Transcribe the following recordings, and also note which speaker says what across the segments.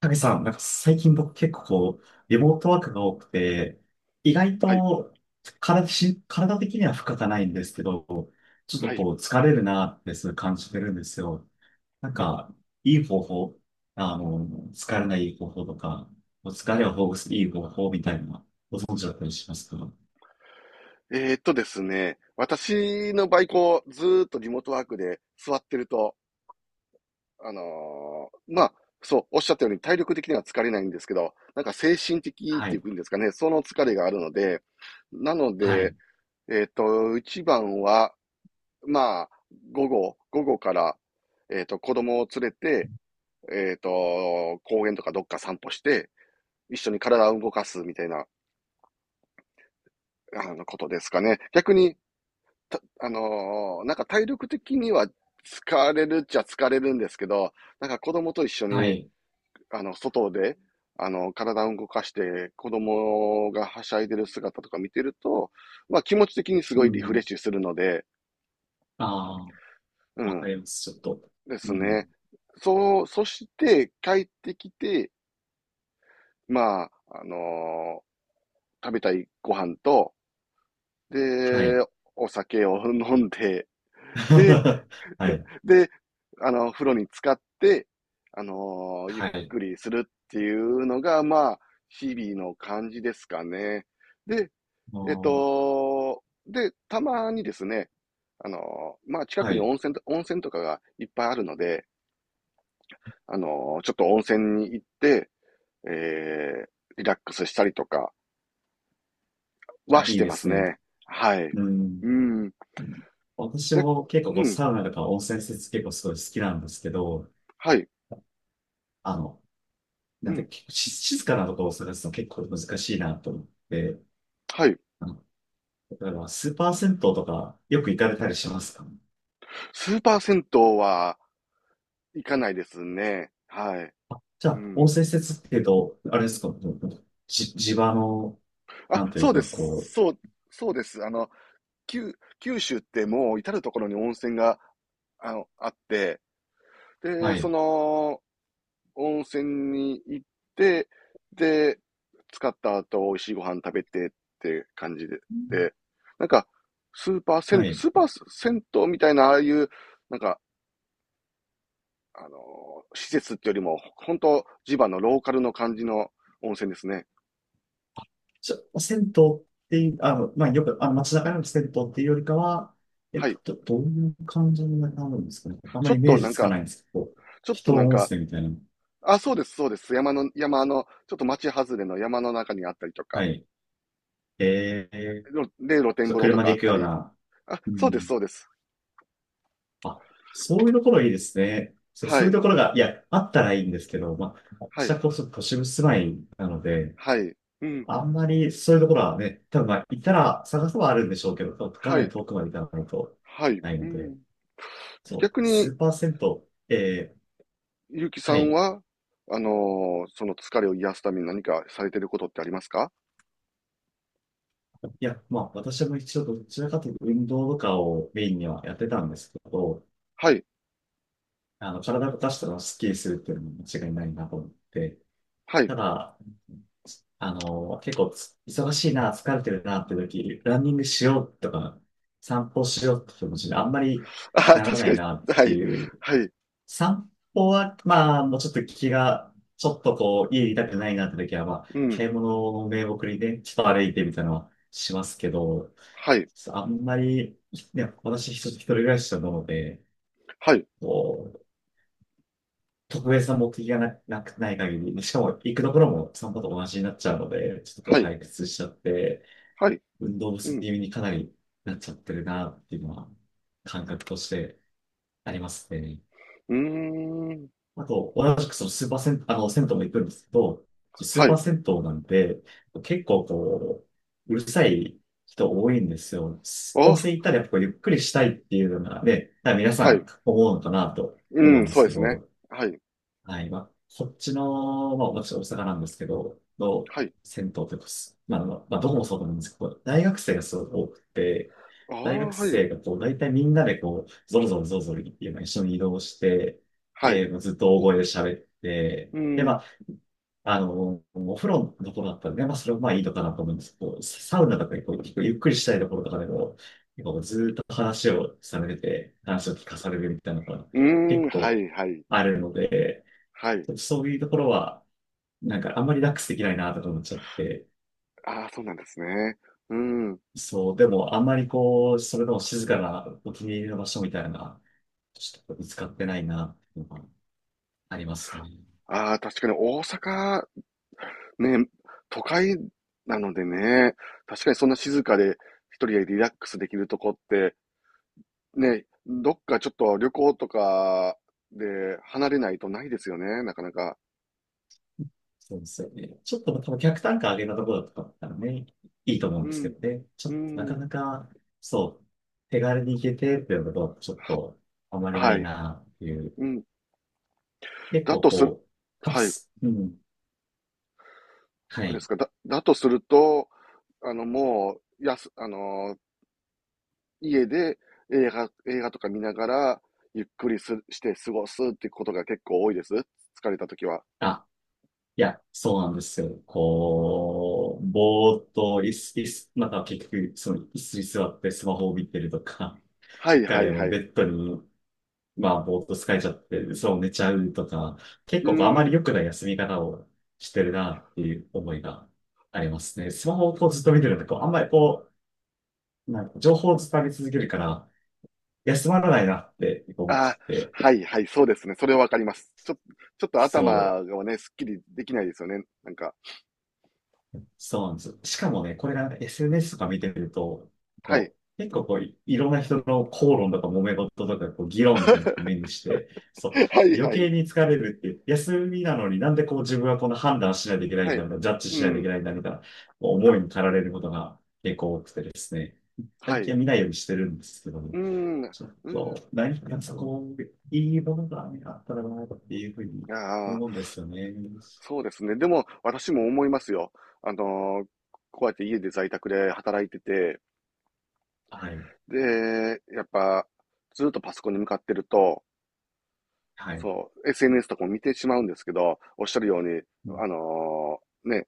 Speaker 1: 影さん、なんか最近僕結構こう、リモートワークが多くて、意外
Speaker 2: はい、
Speaker 1: と体的には負荷がないんですけど、ちょっと
Speaker 2: はい。
Speaker 1: こう疲れるなってすごい感じてるんですよ。なんか、いい方法、あの、疲れない方法とか、疲れをほぐすいい方法みたいなのご存知だったりしますか？
Speaker 2: ですね、私の場合、こう、ずーっとリモートワークで座ってると、あのーまあ、そう、おっしゃったように体力的には疲れないんですけど、なんか精神的っ
Speaker 1: は
Speaker 2: てい
Speaker 1: い、
Speaker 2: うんですかね、その疲れがあるので。なの
Speaker 1: は
Speaker 2: で、
Speaker 1: い、
Speaker 2: えーっと、一番は、まあ、午後、午後から、子供を連れて、公園とかどっか散歩して、一緒に体を動かすみたいな、ことですかね。逆に、た、あのーなんか体力的には疲れるっちゃ疲れるんですけど、なんか子供と一緒
Speaker 1: は
Speaker 2: に、
Speaker 1: い。
Speaker 2: 外で、体を動かして、子供がはしゃいでる姿とか見てると、まあ気持ち的にす
Speaker 1: う
Speaker 2: ごいリフレッ
Speaker 1: ん、
Speaker 2: シュするので。
Speaker 1: ああ、
Speaker 2: う
Speaker 1: わか
Speaker 2: ん、
Speaker 1: ります、ちょっと。
Speaker 2: で
Speaker 1: う
Speaker 2: す
Speaker 1: ん、
Speaker 2: ね。そう、そして帰ってきて、まあ、あのー食べたいご飯と、
Speaker 1: はい。
Speaker 2: で、お酒を飲んで、で、
Speaker 1: はい、
Speaker 2: で、風呂に浸かって、ゆっ
Speaker 1: はい。
Speaker 2: くりするっていうのが、まあ、日々の感じですかね。で、
Speaker 1: あ
Speaker 2: えっ
Speaker 1: ー、
Speaker 2: と、で、たまにですね、近
Speaker 1: は
Speaker 2: くに
Speaker 1: い。
Speaker 2: 温泉とかがいっぱいあるので、ちょっと温泉に行って、えー、リラックスしたりとかは
Speaker 1: あ、
Speaker 2: し
Speaker 1: いい
Speaker 2: て
Speaker 1: で
Speaker 2: ます
Speaker 1: すね。
Speaker 2: ね。はい。
Speaker 1: う
Speaker 2: う
Speaker 1: ん。
Speaker 2: ん。
Speaker 1: 私
Speaker 2: や、
Speaker 1: も結構
Speaker 2: う
Speaker 1: こう
Speaker 2: ん。
Speaker 1: サウナとか温泉施設結構すごい好きなんですけど、
Speaker 2: はい。
Speaker 1: あの、
Speaker 2: う
Speaker 1: なんて
Speaker 2: ん。
Speaker 1: 結構静かなところを探すの結構難しいなと思って、
Speaker 2: はい。
Speaker 1: あの、例えばスーパー銭湯とかよく行かれたりしますか？
Speaker 2: スーパー銭湯は、行かないですね。はい。
Speaker 1: あ、じゃ
Speaker 2: う
Speaker 1: あ温
Speaker 2: ん。
Speaker 1: 泉施設っていうと、あれですか、地場の、
Speaker 2: あ、
Speaker 1: なんという
Speaker 2: そうで
Speaker 1: か
Speaker 2: す。
Speaker 1: こ
Speaker 2: そうです。きゅ九州ってもう至るところに温泉が、あって、
Speaker 1: う、は
Speaker 2: で、そ
Speaker 1: い、
Speaker 2: の温泉に行って、で、使った後、美味しいご飯食べてって感じで、で、なんか、
Speaker 1: はい。
Speaker 2: スーパー銭湯みたいな、ああいう、なんか、あの施設ってよりも、本当地場のローカルの感じの温泉ですね。
Speaker 1: 銭湯っていう、あの、まあ、よく、あの、街中の銭湯っていうよりかは、えっ
Speaker 2: はい。
Speaker 1: と、どういう感じになるんですかね。あん
Speaker 2: ち
Speaker 1: ま
Speaker 2: ょ
Speaker 1: りイ
Speaker 2: っ
Speaker 1: メ
Speaker 2: と
Speaker 1: ー
Speaker 2: な
Speaker 1: ジ
Speaker 2: ん
Speaker 1: つか
Speaker 2: か、
Speaker 1: ないんですけど、
Speaker 2: ちょっと
Speaker 1: 人
Speaker 2: なん
Speaker 1: 温
Speaker 2: か、
Speaker 1: 泉みたいな。
Speaker 2: あ、そうです、そうです。山の、ちょっと町外れの山の中にあったりと
Speaker 1: は
Speaker 2: か、
Speaker 1: い。えー、
Speaker 2: で、露天
Speaker 1: ちょっと
Speaker 2: 風呂と
Speaker 1: 車
Speaker 2: か
Speaker 1: で
Speaker 2: あっ
Speaker 1: 行く
Speaker 2: た
Speaker 1: よう
Speaker 2: り。
Speaker 1: な。
Speaker 2: あ、
Speaker 1: う
Speaker 2: そうです、
Speaker 1: ん。
Speaker 2: そうです。
Speaker 1: あ、そういうところいいですね。
Speaker 2: は
Speaker 1: そういう
Speaker 2: い、
Speaker 1: ところが、いや、あったらいいんですけど、まあ、
Speaker 2: は
Speaker 1: 私
Speaker 2: い、
Speaker 1: はこそ都市部住まいなので、
Speaker 2: はい、うん、
Speaker 1: あんまりそういうところはね、多分まあ、行ったら探せばあるんでしょうけど、か
Speaker 2: は
Speaker 1: なり
Speaker 2: い、
Speaker 1: 遠くまで行かないと
Speaker 2: はい、
Speaker 1: ない
Speaker 2: う
Speaker 1: ので。
Speaker 2: ん。
Speaker 1: そう、
Speaker 2: 逆に、
Speaker 1: 数パーセント。えー、
Speaker 2: ゆうきさ
Speaker 1: は
Speaker 2: ん
Speaker 1: い。
Speaker 2: は、その疲れを癒すために何かされてることってありますか？
Speaker 1: いや、まあ、私も一応どちらかというと運動とかをメインにはやってたんですけど、
Speaker 2: はい、
Speaker 1: あの、体を動かしたらスッキリするっていうのも間違いないなと思って、
Speaker 2: はい。
Speaker 1: ただ、あの、結構忙しいな、疲れてるなって時、ランニングしようとか、散歩しようって気持ちにあんまり
Speaker 2: あ、
Speaker 1: なら
Speaker 2: 確
Speaker 1: な
Speaker 2: か
Speaker 1: い
Speaker 2: に、
Speaker 1: なっ
Speaker 2: は
Speaker 1: て
Speaker 2: い、
Speaker 1: いう。
Speaker 2: はい、
Speaker 1: 散歩は、まあ、もうちょっと気が、ちょっとこう、家いたくないなって時は、まあ、
Speaker 2: うん、
Speaker 1: 買い物を名目にね、ちょっと歩いてみたいなのはしますけど、
Speaker 2: はい、
Speaker 1: あんまり、ね、私一人暮らしなので、
Speaker 2: はい、
Speaker 1: こう、特別な目的がなくない限り、しかも行くところも散歩と同じになっちゃうので、ちょっとこ
Speaker 2: は
Speaker 1: う
Speaker 2: い、
Speaker 1: 退屈しちゃって、
Speaker 2: はい、
Speaker 1: 運動不
Speaker 2: う
Speaker 1: 足
Speaker 2: ん、
Speaker 1: 気味にかなりなっちゃってるなっていうのは、感覚としてありますね。
Speaker 2: うーん、
Speaker 1: あと、同じくそのスーパー銭湯、あの、銭湯も行くんですけど、スー
Speaker 2: は
Speaker 1: パー
Speaker 2: い、
Speaker 1: 銭湯なんで、結構こう、うるさい人多いんですよ。温
Speaker 2: あ、
Speaker 1: 泉行ったらやっぱこうゆっくりしたいっていうのがね、多分皆さ
Speaker 2: はい、
Speaker 1: ん思うのかなと思
Speaker 2: う
Speaker 1: う
Speaker 2: ん、
Speaker 1: んで
Speaker 2: そう
Speaker 1: す
Speaker 2: で
Speaker 1: け
Speaker 2: すね。
Speaker 1: ど、
Speaker 2: はい。
Speaker 1: はい。まあ、こっちの、まあ、私大阪なんですけど、の
Speaker 2: はい。
Speaker 1: 銭湯というか、すまあ、まあまあどこもそうなんですけど、大学生がすごく多くて、
Speaker 2: ああ、
Speaker 1: 大学
Speaker 2: はい。
Speaker 1: 生がこう、大体みんなでこう、ゾロゾロゾロゾロっていうのを一緒に移動して、
Speaker 2: はい。
Speaker 1: えー、もうずっと大声で喋って、
Speaker 2: う
Speaker 1: で、ま
Speaker 2: ん。
Speaker 1: あ、あの、お風呂のところだったらね、まあ、それもまあいいのかなと思うんですけど、サウナとかでこう、結構ゆっくりしたいところとかでも、結構ずっと話をされてて、話を聞かされるみたいなのが
Speaker 2: うーん、
Speaker 1: 結
Speaker 2: は
Speaker 1: 構
Speaker 2: いはい。
Speaker 1: あるので、
Speaker 2: はい。
Speaker 1: そういうところは、なんかあんまりリラックスできないなとか思っちゃって、
Speaker 2: ああ、そうなんですね。うん。
Speaker 1: そう、でもあんまりこう、それでも静かなお気に入りの場所みたいな、ちょっと見つかってないなっていうのがありますね。
Speaker 2: ああ、確かに大阪、ね、都会なのでね、確かにそんな静かで一人でリラックスできるとこって、ね、どっかちょっと旅行とかで離れないとないですよね、なかなか。
Speaker 1: そうですよね。ちょっと多分客単価上げたところとかだったらね、いいと思うん
Speaker 2: う
Speaker 1: ですけ
Speaker 2: ん。
Speaker 1: どね。ちょ
Speaker 2: う
Speaker 1: っとなか
Speaker 2: ん。
Speaker 1: なか、そう、手軽に行けてっていうことはちょっ
Speaker 2: は、
Speaker 1: とあまりな
Speaker 2: は
Speaker 1: い
Speaker 2: い。
Speaker 1: なっていう。
Speaker 2: うん。
Speaker 1: 結
Speaker 2: だ
Speaker 1: 構
Speaker 2: とする、
Speaker 1: こう、カプ
Speaker 2: はい。
Speaker 1: ス、うん、は
Speaker 2: で
Speaker 1: い。
Speaker 2: すか。だとすると、あの、もう、やす、あの、家で映画とか見ながら、ゆっくりする、して過ごすってことが結構多いです。疲れた時は。
Speaker 1: あ、いや、そうなんですよ。こう、ぼーっと、い子、いす子、また結局、その椅子に座ってスマホを見てるとか、
Speaker 2: は いはい
Speaker 1: 彼は
Speaker 2: はい。
Speaker 1: ベ
Speaker 2: う
Speaker 1: ッドに、まあ、ぼーっと疲れちゃって、そう寝ちゃうとか、結
Speaker 2: ー
Speaker 1: 構こうあまり
Speaker 2: ん。
Speaker 1: 良くない休み方をしてるなっていう思いがありますね。スマホをこうずっと見てると、こう、あんまりこう、なんか情報を伝え続けるから、休まらないなってこう思っちゃ
Speaker 2: あ
Speaker 1: って、
Speaker 2: ー、はいはい、そうですね。それはわかります。ちょっと頭
Speaker 1: そう。
Speaker 2: がね、すっきりできないですよね。なんか。
Speaker 1: そうなんですよ。しかもね、これがなんか SNS とか見てると、
Speaker 2: はい。
Speaker 1: こう、結構こう、いろんな人の口論とか揉め事とか、こう、議論みたいなのを目にして、そう、
Speaker 2: はい
Speaker 1: 余
Speaker 2: は
Speaker 1: 計
Speaker 2: い。
Speaker 1: に疲れるっていう、休みなのになんでこう自分はこの判断しないといけない
Speaker 2: は
Speaker 1: んだ
Speaker 2: い。
Speaker 1: みたいな、ジャッジ
Speaker 2: う
Speaker 1: しないといけ
Speaker 2: ん。
Speaker 1: ないんだみたいな、こう思いに駆られることが結構多くてですね、
Speaker 2: は
Speaker 1: 最
Speaker 2: い。
Speaker 1: 近
Speaker 2: う
Speaker 1: は見ないようにしてるんですけども、
Speaker 2: ーん。
Speaker 1: ちょっ
Speaker 2: う
Speaker 1: と、
Speaker 2: ん。
Speaker 1: 何かそこ、いいものがねあったらなっていうふうに
Speaker 2: ああ。
Speaker 1: 思うんですよね。
Speaker 2: そうですね。でも、私も思いますよ。あの、こうやって家で在宅で働いてて、
Speaker 1: はい。
Speaker 2: で、やっぱ、ずっとパソコンに向かってると、
Speaker 1: はい。
Speaker 2: そう、SNS とかも見てしまうんですけど、おっしゃるように、
Speaker 1: う
Speaker 2: あ
Speaker 1: ん、
Speaker 2: のーね、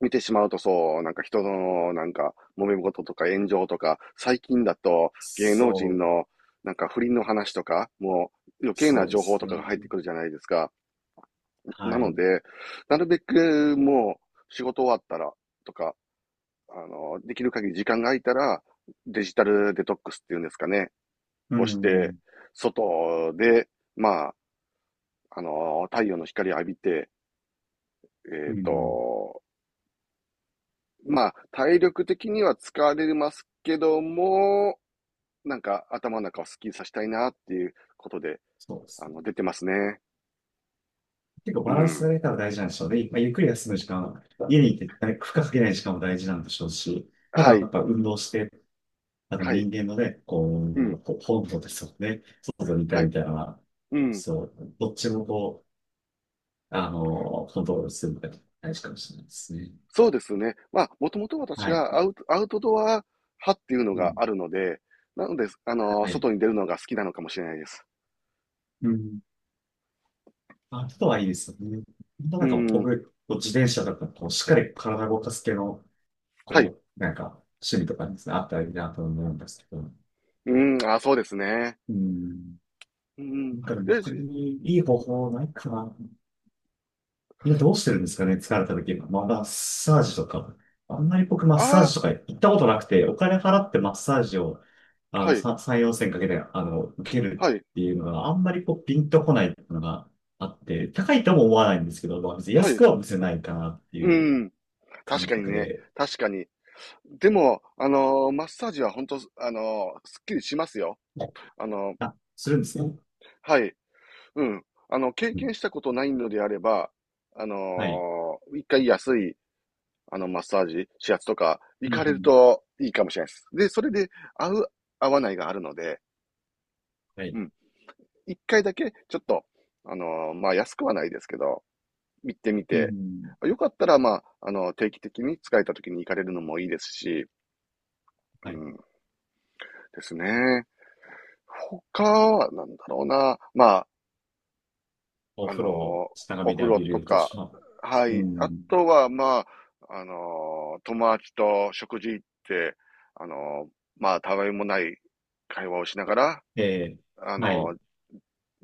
Speaker 2: 見てしまうとそう、なんか人の、なんか、揉め事とか炎上とか、最近だと芸能人
Speaker 1: そう
Speaker 2: の、なんか不倫の話とか、もう余計な
Speaker 1: そうで
Speaker 2: 情報
Speaker 1: す
Speaker 2: と
Speaker 1: ね。
Speaker 2: かが入ってくるじゃないですか。な
Speaker 1: は
Speaker 2: の
Speaker 1: い。
Speaker 2: で、なるべくもう仕事終わったらとか、できる限り時間が空いたら、デジタルデトックスっていうんですかね、
Speaker 1: う
Speaker 2: をして、
Speaker 1: ん。
Speaker 2: 外で、まあ、太陽の光を浴びて、え
Speaker 1: う
Speaker 2: っ
Speaker 1: ん。
Speaker 2: と、まあ、体力的には疲れますけども、なんか頭の中をスッキリさせたいなっていうことで、
Speaker 1: そうですね。
Speaker 2: 出てますね。
Speaker 1: 結構
Speaker 2: う
Speaker 1: バランスが
Speaker 2: ん。
Speaker 1: 取れたら大事なんでしょうね。まあ、ゆっくり休む時間、家にいて負荷かけない時間も大事なんでしょうし、まだ
Speaker 2: は
Speaker 1: や
Speaker 2: い。
Speaker 1: っぱ運動して、あの
Speaker 2: はい。
Speaker 1: 人間のね、こ
Speaker 2: うん。
Speaker 1: う、こう本能ですよね。外にいた
Speaker 2: は
Speaker 1: い
Speaker 2: い。
Speaker 1: みたいなのは、
Speaker 2: うん。
Speaker 1: そう、どっちもこう、あの、コントロールするのが大事かもしれないですね。
Speaker 2: そうですね。まあ、もともと私
Speaker 1: はい。
Speaker 2: がアウトドア派っていうの
Speaker 1: う
Speaker 2: が
Speaker 1: ん。
Speaker 2: あるので、なので、
Speaker 1: はい。
Speaker 2: 外に出るのが好きなのかもしれないです。
Speaker 1: うん。あ、あとはいいですよね。本当
Speaker 2: う
Speaker 1: なんか
Speaker 2: ん。
Speaker 1: 僕、こう自転車とか、こう、しっかり体を動かす系の
Speaker 2: はい。
Speaker 1: こう、なんか、趣味とかにですねあったらいいなと思うんですけど。
Speaker 2: うん。あ、そうですね。
Speaker 1: うん。
Speaker 2: うん。
Speaker 1: なんかでも
Speaker 2: で、
Speaker 1: 他
Speaker 2: じ、
Speaker 1: にいい方法ないかな。今どうしてるんですかね、疲れた時は。まあ、マッサージとか。あんまり僕マッサー
Speaker 2: あ
Speaker 1: ジとか行ったことなくて、お金払ってマッサージを、あ
Speaker 2: あ、は
Speaker 1: の、
Speaker 2: い。
Speaker 1: 3、4千かけて、あの、受ける
Speaker 2: はい。
Speaker 1: っていうのがあんまりこう、ピンとこないっていうのがあって、高いとも思わないんですけど、まあ、別に
Speaker 2: は
Speaker 1: 安
Speaker 2: い。
Speaker 1: くは見せないかなって
Speaker 2: う
Speaker 1: いう
Speaker 2: ん。確
Speaker 1: 感
Speaker 2: かに
Speaker 1: 覚
Speaker 2: ね。
Speaker 1: で、
Speaker 2: 確かに。でも、マッサージは本当、すっきりしますよ。あのー、
Speaker 1: あ、するんですね。
Speaker 2: はい。うん。あの、経
Speaker 1: うん、
Speaker 2: 験したことないのであれば、
Speaker 1: はい。
Speaker 2: 一回安い、あの、マッサージ、指圧とか、行
Speaker 1: う
Speaker 2: かれる
Speaker 1: ん。
Speaker 2: といいかもしれないです。で、それで、合う、合わないがあるので、
Speaker 1: は
Speaker 2: う
Speaker 1: い、
Speaker 2: ん。一回だけ、ちょっと、まあ、安くはないですけど、行ってみ
Speaker 1: う
Speaker 2: て、
Speaker 1: ん、
Speaker 2: よかったら、まあ、あの、定期的に使えた時に行かれるのもいいですし。う
Speaker 1: はい。
Speaker 2: ん。ですね。他は、なんだろうな。まあ、
Speaker 1: お
Speaker 2: あ
Speaker 1: 風呂を
Speaker 2: の、
Speaker 1: 長
Speaker 2: お
Speaker 1: めで
Speaker 2: 風
Speaker 1: 浴
Speaker 2: 呂
Speaker 1: び
Speaker 2: と
Speaker 1: ると
Speaker 2: か、
Speaker 1: か。
Speaker 2: は
Speaker 1: う
Speaker 2: い。あ
Speaker 1: ん、
Speaker 2: とは、まあ、あの、友達と食事行って、あの、まあ、たわいもない会話をしながら、
Speaker 1: ええ、
Speaker 2: あ
Speaker 1: はい。
Speaker 2: の、
Speaker 1: い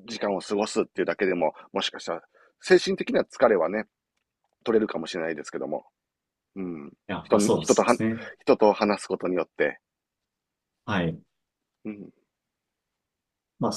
Speaker 2: 時間を過ごすっていうだけでも、もしかしたら、精神的な疲れはね、取れるかもしれないですけども。うん。
Speaker 1: や、ま
Speaker 2: 人
Speaker 1: あ
Speaker 2: に、
Speaker 1: そうで
Speaker 2: 人とは、
Speaker 1: すね。
Speaker 2: 人と話すことによって、
Speaker 1: はい。
Speaker 2: うん。
Speaker 1: まあ